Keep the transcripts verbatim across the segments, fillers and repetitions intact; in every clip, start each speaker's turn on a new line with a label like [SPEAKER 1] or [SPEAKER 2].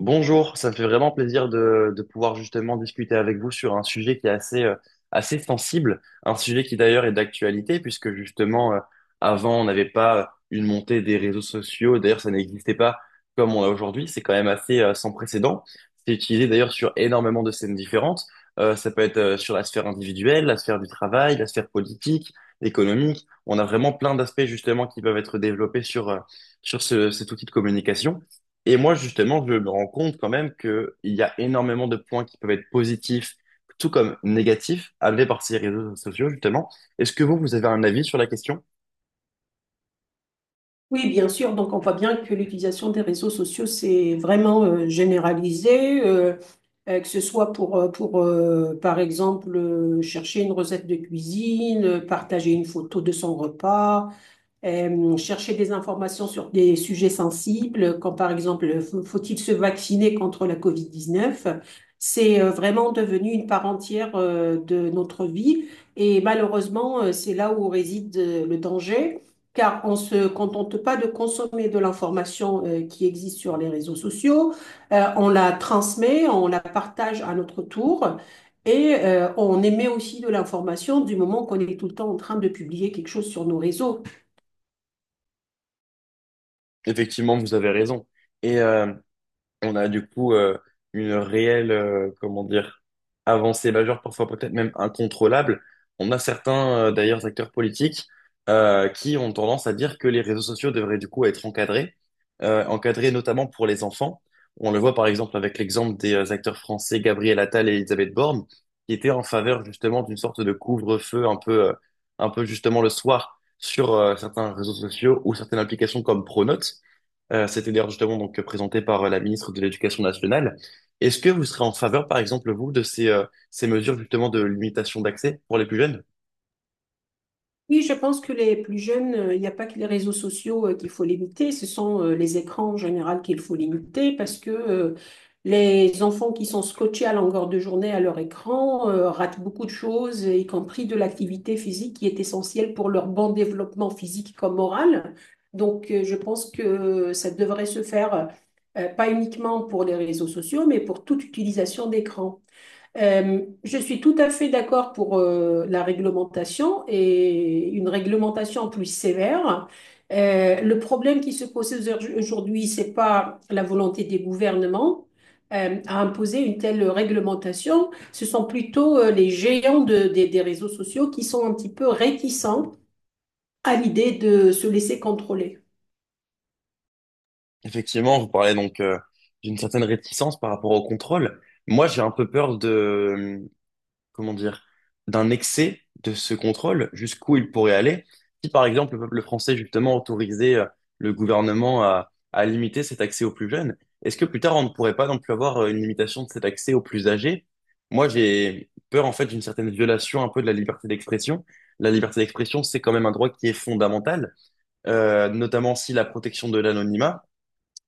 [SPEAKER 1] Bonjour, ça me fait vraiment plaisir de, de pouvoir justement discuter avec vous sur un sujet qui est assez, euh, assez sensible, un sujet qui d'ailleurs est d'actualité, puisque justement, euh, avant, on n'avait pas euh, une montée des réseaux sociaux, d'ailleurs, ça n'existait pas comme on l'a aujourd'hui, c'est quand même assez, euh, sans précédent. C'est utilisé d'ailleurs sur énormément de scènes différentes. Euh, ça peut être, euh, sur la sphère individuelle, la sphère du travail, la sphère politique, économique. On a vraiment plein d'aspects justement qui peuvent être développés sur, euh, sur ce- cet outil de communication. Et moi, justement, je me rends compte quand même que il y a énormément de points qui peuvent être positifs, tout comme négatifs, amenés par ces réseaux sociaux, justement. Est-ce que vous, vous avez un avis sur la question?
[SPEAKER 2] Oui, bien sûr. Donc, on voit bien que l'utilisation des réseaux sociaux, c'est vraiment euh, généralisé, euh, euh, que ce soit pour, euh, pour euh, par exemple, euh, chercher une recette de cuisine, euh, partager une photo de son repas, euh, chercher des informations sur des sujets sensibles, comme par exemple, faut-il se vacciner contre la COVID dix-neuf? C'est euh, vraiment devenu une part entière euh, de notre vie et malheureusement, euh, c'est là où réside euh, le danger, car on se contente pas de consommer de l'information euh, qui existe sur les réseaux sociaux. Euh, on la transmet, on la partage à notre tour. Et euh, on émet aussi de l'information du moment qu'on est tout le temps en train de publier quelque chose sur nos réseaux.
[SPEAKER 1] Effectivement, vous avez raison. Et euh, on a du coup euh, une réelle, euh, comment dire, avancée majeure, parfois peut-être même incontrôlable. On a certains, euh, d'ailleurs, acteurs politiques euh, qui ont tendance à dire que les réseaux sociaux devraient du coup être encadrés, euh, encadrés notamment pour les enfants. On le voit par exemple avec l'exemple des euh, acteurs français Gabriel Attal et Elisabeth Borne, qui étaient en faveur justement d'une sorte de couvre-feu un peu, euh, un peu justement le soir sur euh, certains réseaux sociaux ou certaines applications comme Pronote. Euh, c'était d'ailleurs justement donc présenté par euh, la ministre de l'Éducation nationale. Est-ce que vous serez en faveur, par exemple, vous, de ces, euh, ces mesures justement de limitation d'accès pour les plus jeunes?
[SPEAKER 2] Oui, je pense que les plus jeunes, euh, il n'y a pas que les réseaux sociaux euh, qu'il faut limiter, ce sont euh, les écrans en général qu'il faut limiter parce que euh, les enfants qui sont scotchés à longueur de journée à leur écran euh, ratent beaucoup de choses, y compris de l'activité physique qui est essentielle pour leur bon développement physique comme moral. Donc, euh, je pense que ça devrait se faire euh, pas uniquement pour les réseaux sociaux, mais pour toute utilisation d'écran. Euh, je suis tout à fait d'accord pour euh, la réglementation et une réglementation plus sévère. Euh, le problème qui se pose aujourd'hui, c'est pas la volonté des gouvernements euh, à imposer une telle réglementation. Ce sont plutôt euh, les géants de- des des réseaux sociaux qui sont un petit peu réticents à l'idée de se laisser contrôler.
[SPEAKER 1] Effectivement, vous parlez donc euh, d'une certaine réticence par rapport au contrôle. Moi, j'ai un peu peur de, comment dire, d'un excès de ce contrôle, jusqu'où il pourrait aller, si par exemple le peuple français justement autorisait euh, le gouvernement à, à limiter cet accès aux plus jeunes, est-ce que plus tard on ne pourrait pas non plus avoir euh, une limitation de cet accès aux plus âgés? Moi j'ai peur en fait d'une certaine violation un peu de la liberté d'expression. La liberté d'expression, c'est quand même un droit qui est fondamental, euh, notamment si la protection de l'anonymat.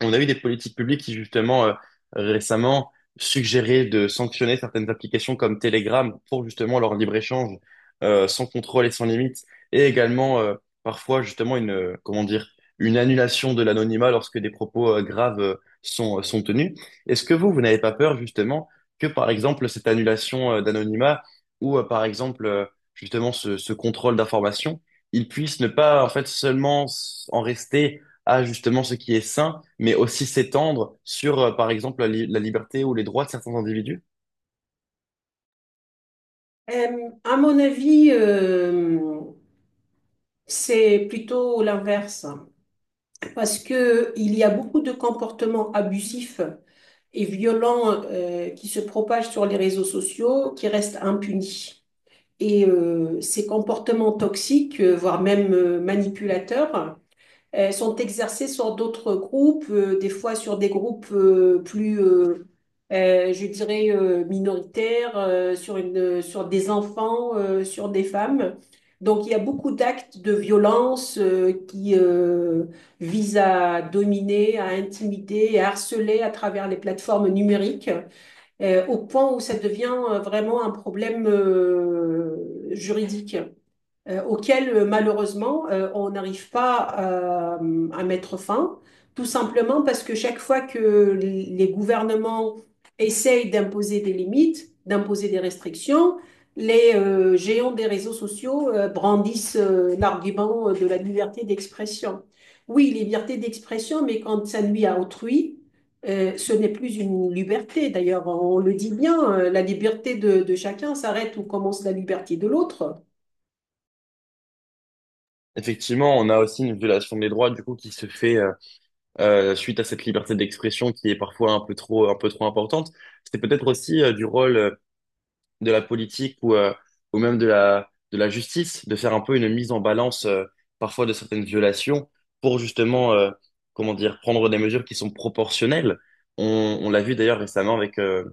[SPEAKER 1] On a eu des politiques publiques qui, justement, euh, récemment, suggéraient de sanctionner certaines applications comme Telegram pour, justement, leur libre-échange euh, sans contrôle et sans limite. Et également, euh, parfois, justement, une, euh, comment dire, une annulation de l'anonymat lorsque des propos euh, graves euh, sont, euh, sont tenus. Est-ce que vous, vous n'avez pas peur, justement, que, par exemple, cette annulation euh, d'anonymat ou, euh, par exemple, euh, justement, ce, ce contrôle d'information, il puisse ne pas, en fait, seulement s- en rester à justement ce qui est sain, mais aussi s'étendre sur, euh, par exemple, la, li- la liberté ou les droits de certains individus.
[SPEAKER 2] Euh, à mon avis, euh, c'est plutôt l'inverse, parce que il y a beaucoup de comportements abusifs et violents euh, qui se propagent sur les réseaux sociaux, qui restent impunis. Et euh, ces comportements toxiques, euh, voire même euh, manipulateurs, euh, sont exercés sur d'autres groupes, euh, des fois sur des groupes euh, plus, euh, euh, je dirais, euh, minoritaires, euh, sur une, euh, sur des enfants, euh, sur des femmes. Donc il y a beaucoup d'actes de violence euh, qui euh, visent à dominer, à intimider, à harceler à travers les plateformes numériques euh, au point où ça devient euh, vraiment un problème euh, juridique euh, auxquelles euh, malheureusement euh, on n'arrive pas euh, à mettre fin, tout simplement parce que chaque fois que les gouvernements essayent d'imposer des limites, d'imposer des restrictions, les euh, géants des réseaux sociaux euh, brandissent euh, l'argument euh, de la liberté d'expression. Oui, liberté d'expression, mais quand ça nuit à autrui, euh, ce n'est plus une liberté. D'ailleurs, on le dit bien, euh, la liberté de de chacun s'arrête où commence la liberté de l'autre.
[SPEAKER 1] Effectivement, on a aussi une violation des droits du coup qui se fait euh, euh, suite à cette liberté d'expression qui est parfois un peu trop, un peu trop importante. C'est peut-être aussi euh, du rôle euh, de la politique ou, euh, ou même de la, de la justice de faire un peu une mise en balance euh, parfois de certaines violations pour justement, euh, comment dire, prendre des mesures qui sont proportionnelles. On, on l'a vu d'ailleurs récemment avec euh,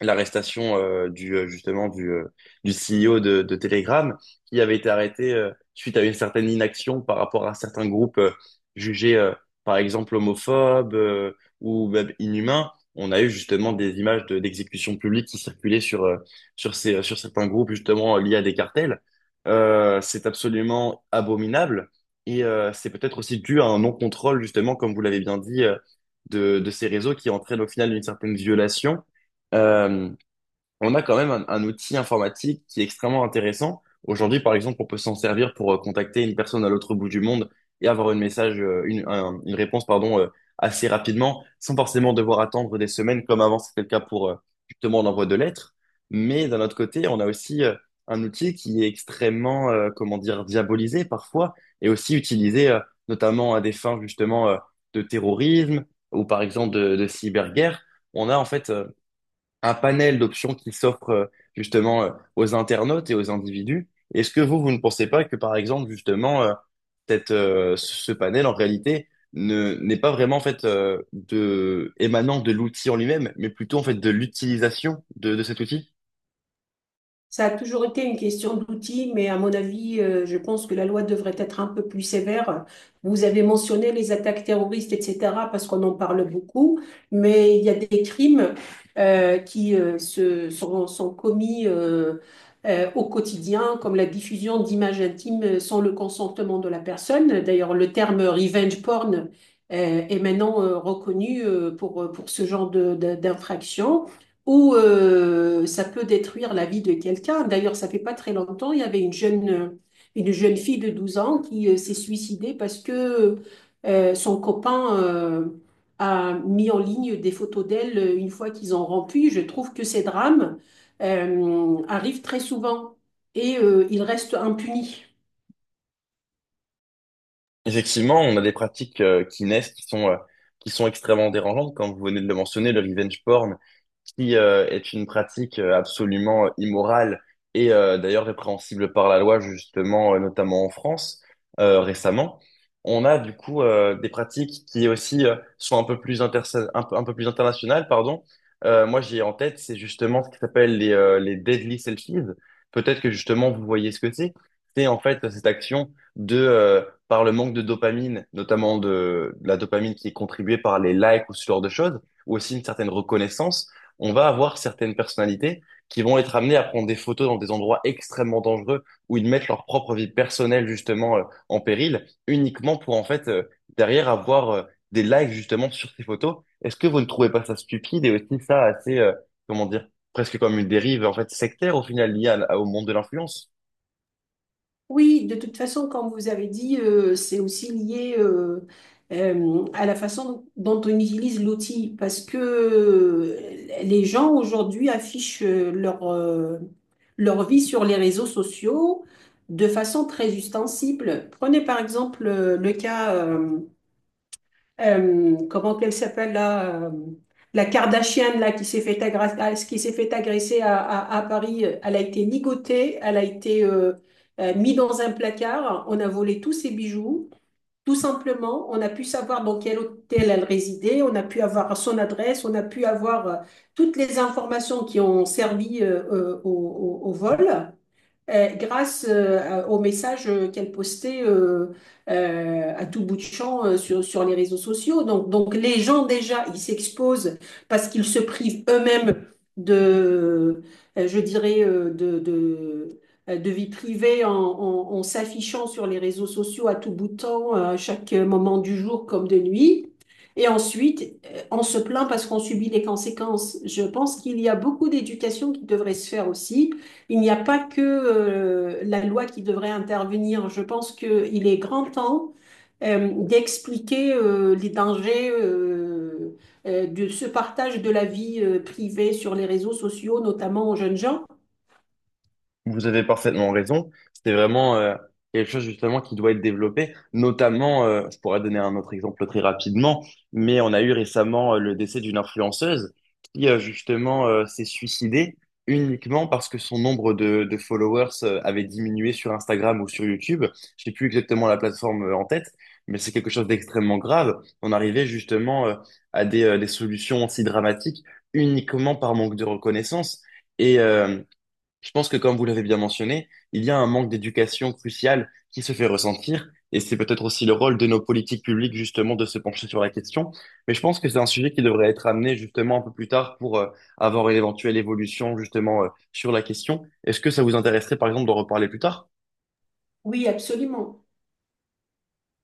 [SPEAKER 1] l'arrestation euh, du euh, justement du euh, du C E O de, de Telegram qui avait été arrêté euh, suite à une certaine inaction par rapport à certains groupes euh, jugés euh, par exemple homophobes euh, ou même inhumains. On a eu justement des images de, d'exécutions publiques qui circulaient sur euh, sur ces euh, sur certains groupes justement liés à des cartels. Euh, c'est absolument abominable et euh, c'est peut-être aussi dû à un non-contrôle justement comme vous l'avez bien dit euh, de de ces réseaux qui entraînent au final une certaine violation. Euh, on a quand même un, un outil informatique qui est extrêmement intéressant. Aujourd'hui, par exemple, on peut s'en servir pour euh, contacter une personne à l'autre bout du monde et avoir une message, euh, une, un- une réponse, pardon, euh, assez rapidement, sans forcément devoir attendre des semaines comme avant c'était le cas pour euh, justement l'envoi de lettres. Mais d'un autre côté, on a aussi euh, un outil qui est extrêmement, euh, comment dire, diabolisé parfois et aussi utilisé euh, notamment à des fins justement euh, de terrorisme ou par exemple de, de cyberguerre. On a en fait euh, un panel d'options qui s'offre euh, justement euh, aux internautes et aux individus. Est-ce que vous, vous ne pensez pas que, par exemple, justement, euh, cette, euh, ce panel, en réalité, ne, n'est pas vraiment en fait euh, de, émanant de l'outil en lui-même, mais plutôt en fait de l'utilisation de, de cet outil?
[SPEAKER 2] Ça a toujours été une question d'outils, mais à mon avis, euh, je pense que la loi devrait être un peu plus sévère. Vous avez mentionné les attaques terroristes, et cetera, parce qu'on en parle beaucoup, mais il y a des crimes euh, qui euh, se, sont, sont commis euh, euh, au quotidien, comme la diffusion d'images intimes sans le consentement de la personne. D'ailleurs, le terme revenge porn euh, est maintenant euh, reconnu euh, pour, pour ce genre de, de- d'infraction ou euh, ça peut détruire la vie de quelqu'un. D'ailleurs, ça fait pas très longtemps, il y avait une jeune, une jeune fille de douze ans qui euh, s'est suicidée parce que euh, son copain euh, a mis en ligne des photos d'elle euh, une fois qu'ils ont rompu. Je trouve que ces drames euh, arrivent très souvent et euh, ils restent impunis.
[SPEAKER 1] Effectivement, on a des pratiques euh, qui naissent, qui sont, euh, qui sont extrêmement dérangeantes, comme vous venez de le mentionner, le revenge porn, qui euh, est une pratique euh, absolument euh, immorale et euh, d'ailleurs répréhensible par la loi, justement, euh, notamment en France, euh, récemment. On a du coup euh, des pratiques qui aussi euh, sont un peu plus interse- un peu, un peu plus internationales, pardon. Euh, moi, j'ai en tête, c'est justement ce qui s'appelle les, euh, les deadly selfies. Peut-être que justement vous voyez ce que c'est. C'est en fait cette action de euh, par le manque de dopamine, notamment de, de la dopamine qui est contribuée par les likes ou ce genre de choses, ou aussi une certaine reconnaissance, on va avoir certaines personnalités qui vont être amenées à prendre des photos dans des endroits extrêmement dangereux où ils mettent leur propre vie personnelle justement euh, en péril, uniquement pour en fait euh, derrière avoir euh, des likes justement sur ces photos. Est-ce que vous ne trouvez pas ça stupide et aussi ça assez, euh, comment dire, presque comme une dérive en fait sectaire au final liée à- au monde de l'influence?
[SPEAKER 2] Oui, de toute façon, comme vous avez dit, euh, c'est aussi lié euh, euh, à la façon dont on utilise l'outil, parce que euh, les gens aujourd'hui affichent euh, leur, euh, leur vie sur les réseaux sociaux de façon très ostensible. Prenez par exemple euh, le cas euh, euh, comment qu'elle s'appelle là, euh, la Kardashian là qui s'est fait agresser, ah, qui s'est fait agresser à, à- à Paris, euh, elle a été nigotée, elle a été euh, euh, mise dans un placard, on a volé tous ses bijoux. Tout simplement, on a pu savoir dans quel hôtel elle résidait, on a pu avoir son adresse, on a pu avoir euh, toutes les informations qui ont servi euh, euh, au, au- au vol euh, grâce euh, aux messages euh, qu'elle postait euh, euh, à tout bout de champ euh, sur, sur les réseaux sociaux. Donc, donc les gens déjà, ils s'exposent parce qu'ils se privent eux-mêmes de, euh, je dirais, euh, de, de, euh, de vie privée en, en- en s'affichant sur les réseaux sociaux à tout bout de temps, euh, à chaque moment du jour comme de nuit. Et ensuite, euh, on se plaint parce qu'on subit les conséquences. Je pense qu'il y a beaucoup d'éducation qui devrait se faire aussi. Il n'y a pas que euh, la loi qui devrait intervenir. Je pense qu'il est grand temps euh, d'expliquer euh, les dangers euh, euh, de ce partage de la vie euh, privée sur les réseaux sociaux, notamment aux jeunes gens.
[SPEAKER 1] Vous avez parfaitement raison. C'est vraiment euh, quelque chose justement qui doit être développé. Notamment, euh, je pourrais donner un autre exemple très rapidement, mais on a eu récemment euh, le décès d'une influenceuse qui euh, justement euh, s'est suicidée uniquement parce que son nombre de, de followers euh, avait diminué sur Instagram ou sur YouTube. Je sais plus exactement la plateforme euh, en tête, mais c'est quelque chose d'extrêmement grave. On arrivait justement euh, à des, euh, des solutions si dramatiques uniquement par manque de reconnaissance. Et, euh, je pense que comme vous l'avez bien mentionné, il y a un manque d'éducation crucial qui se fait ressentir, et c'est peut-être aussi le rôle de nos politiques publiques justement de se pencher sur la question. Mais je pense que c'est un sujet qui devrait être amené justement un peu plus tard pour euh, avoir une éventuelle évolution justement euh, sur la question. Est-ce que ça vous intéresserait par exemple d'en reparler plus tard?
[SPEAKER 2] Oui, absolument.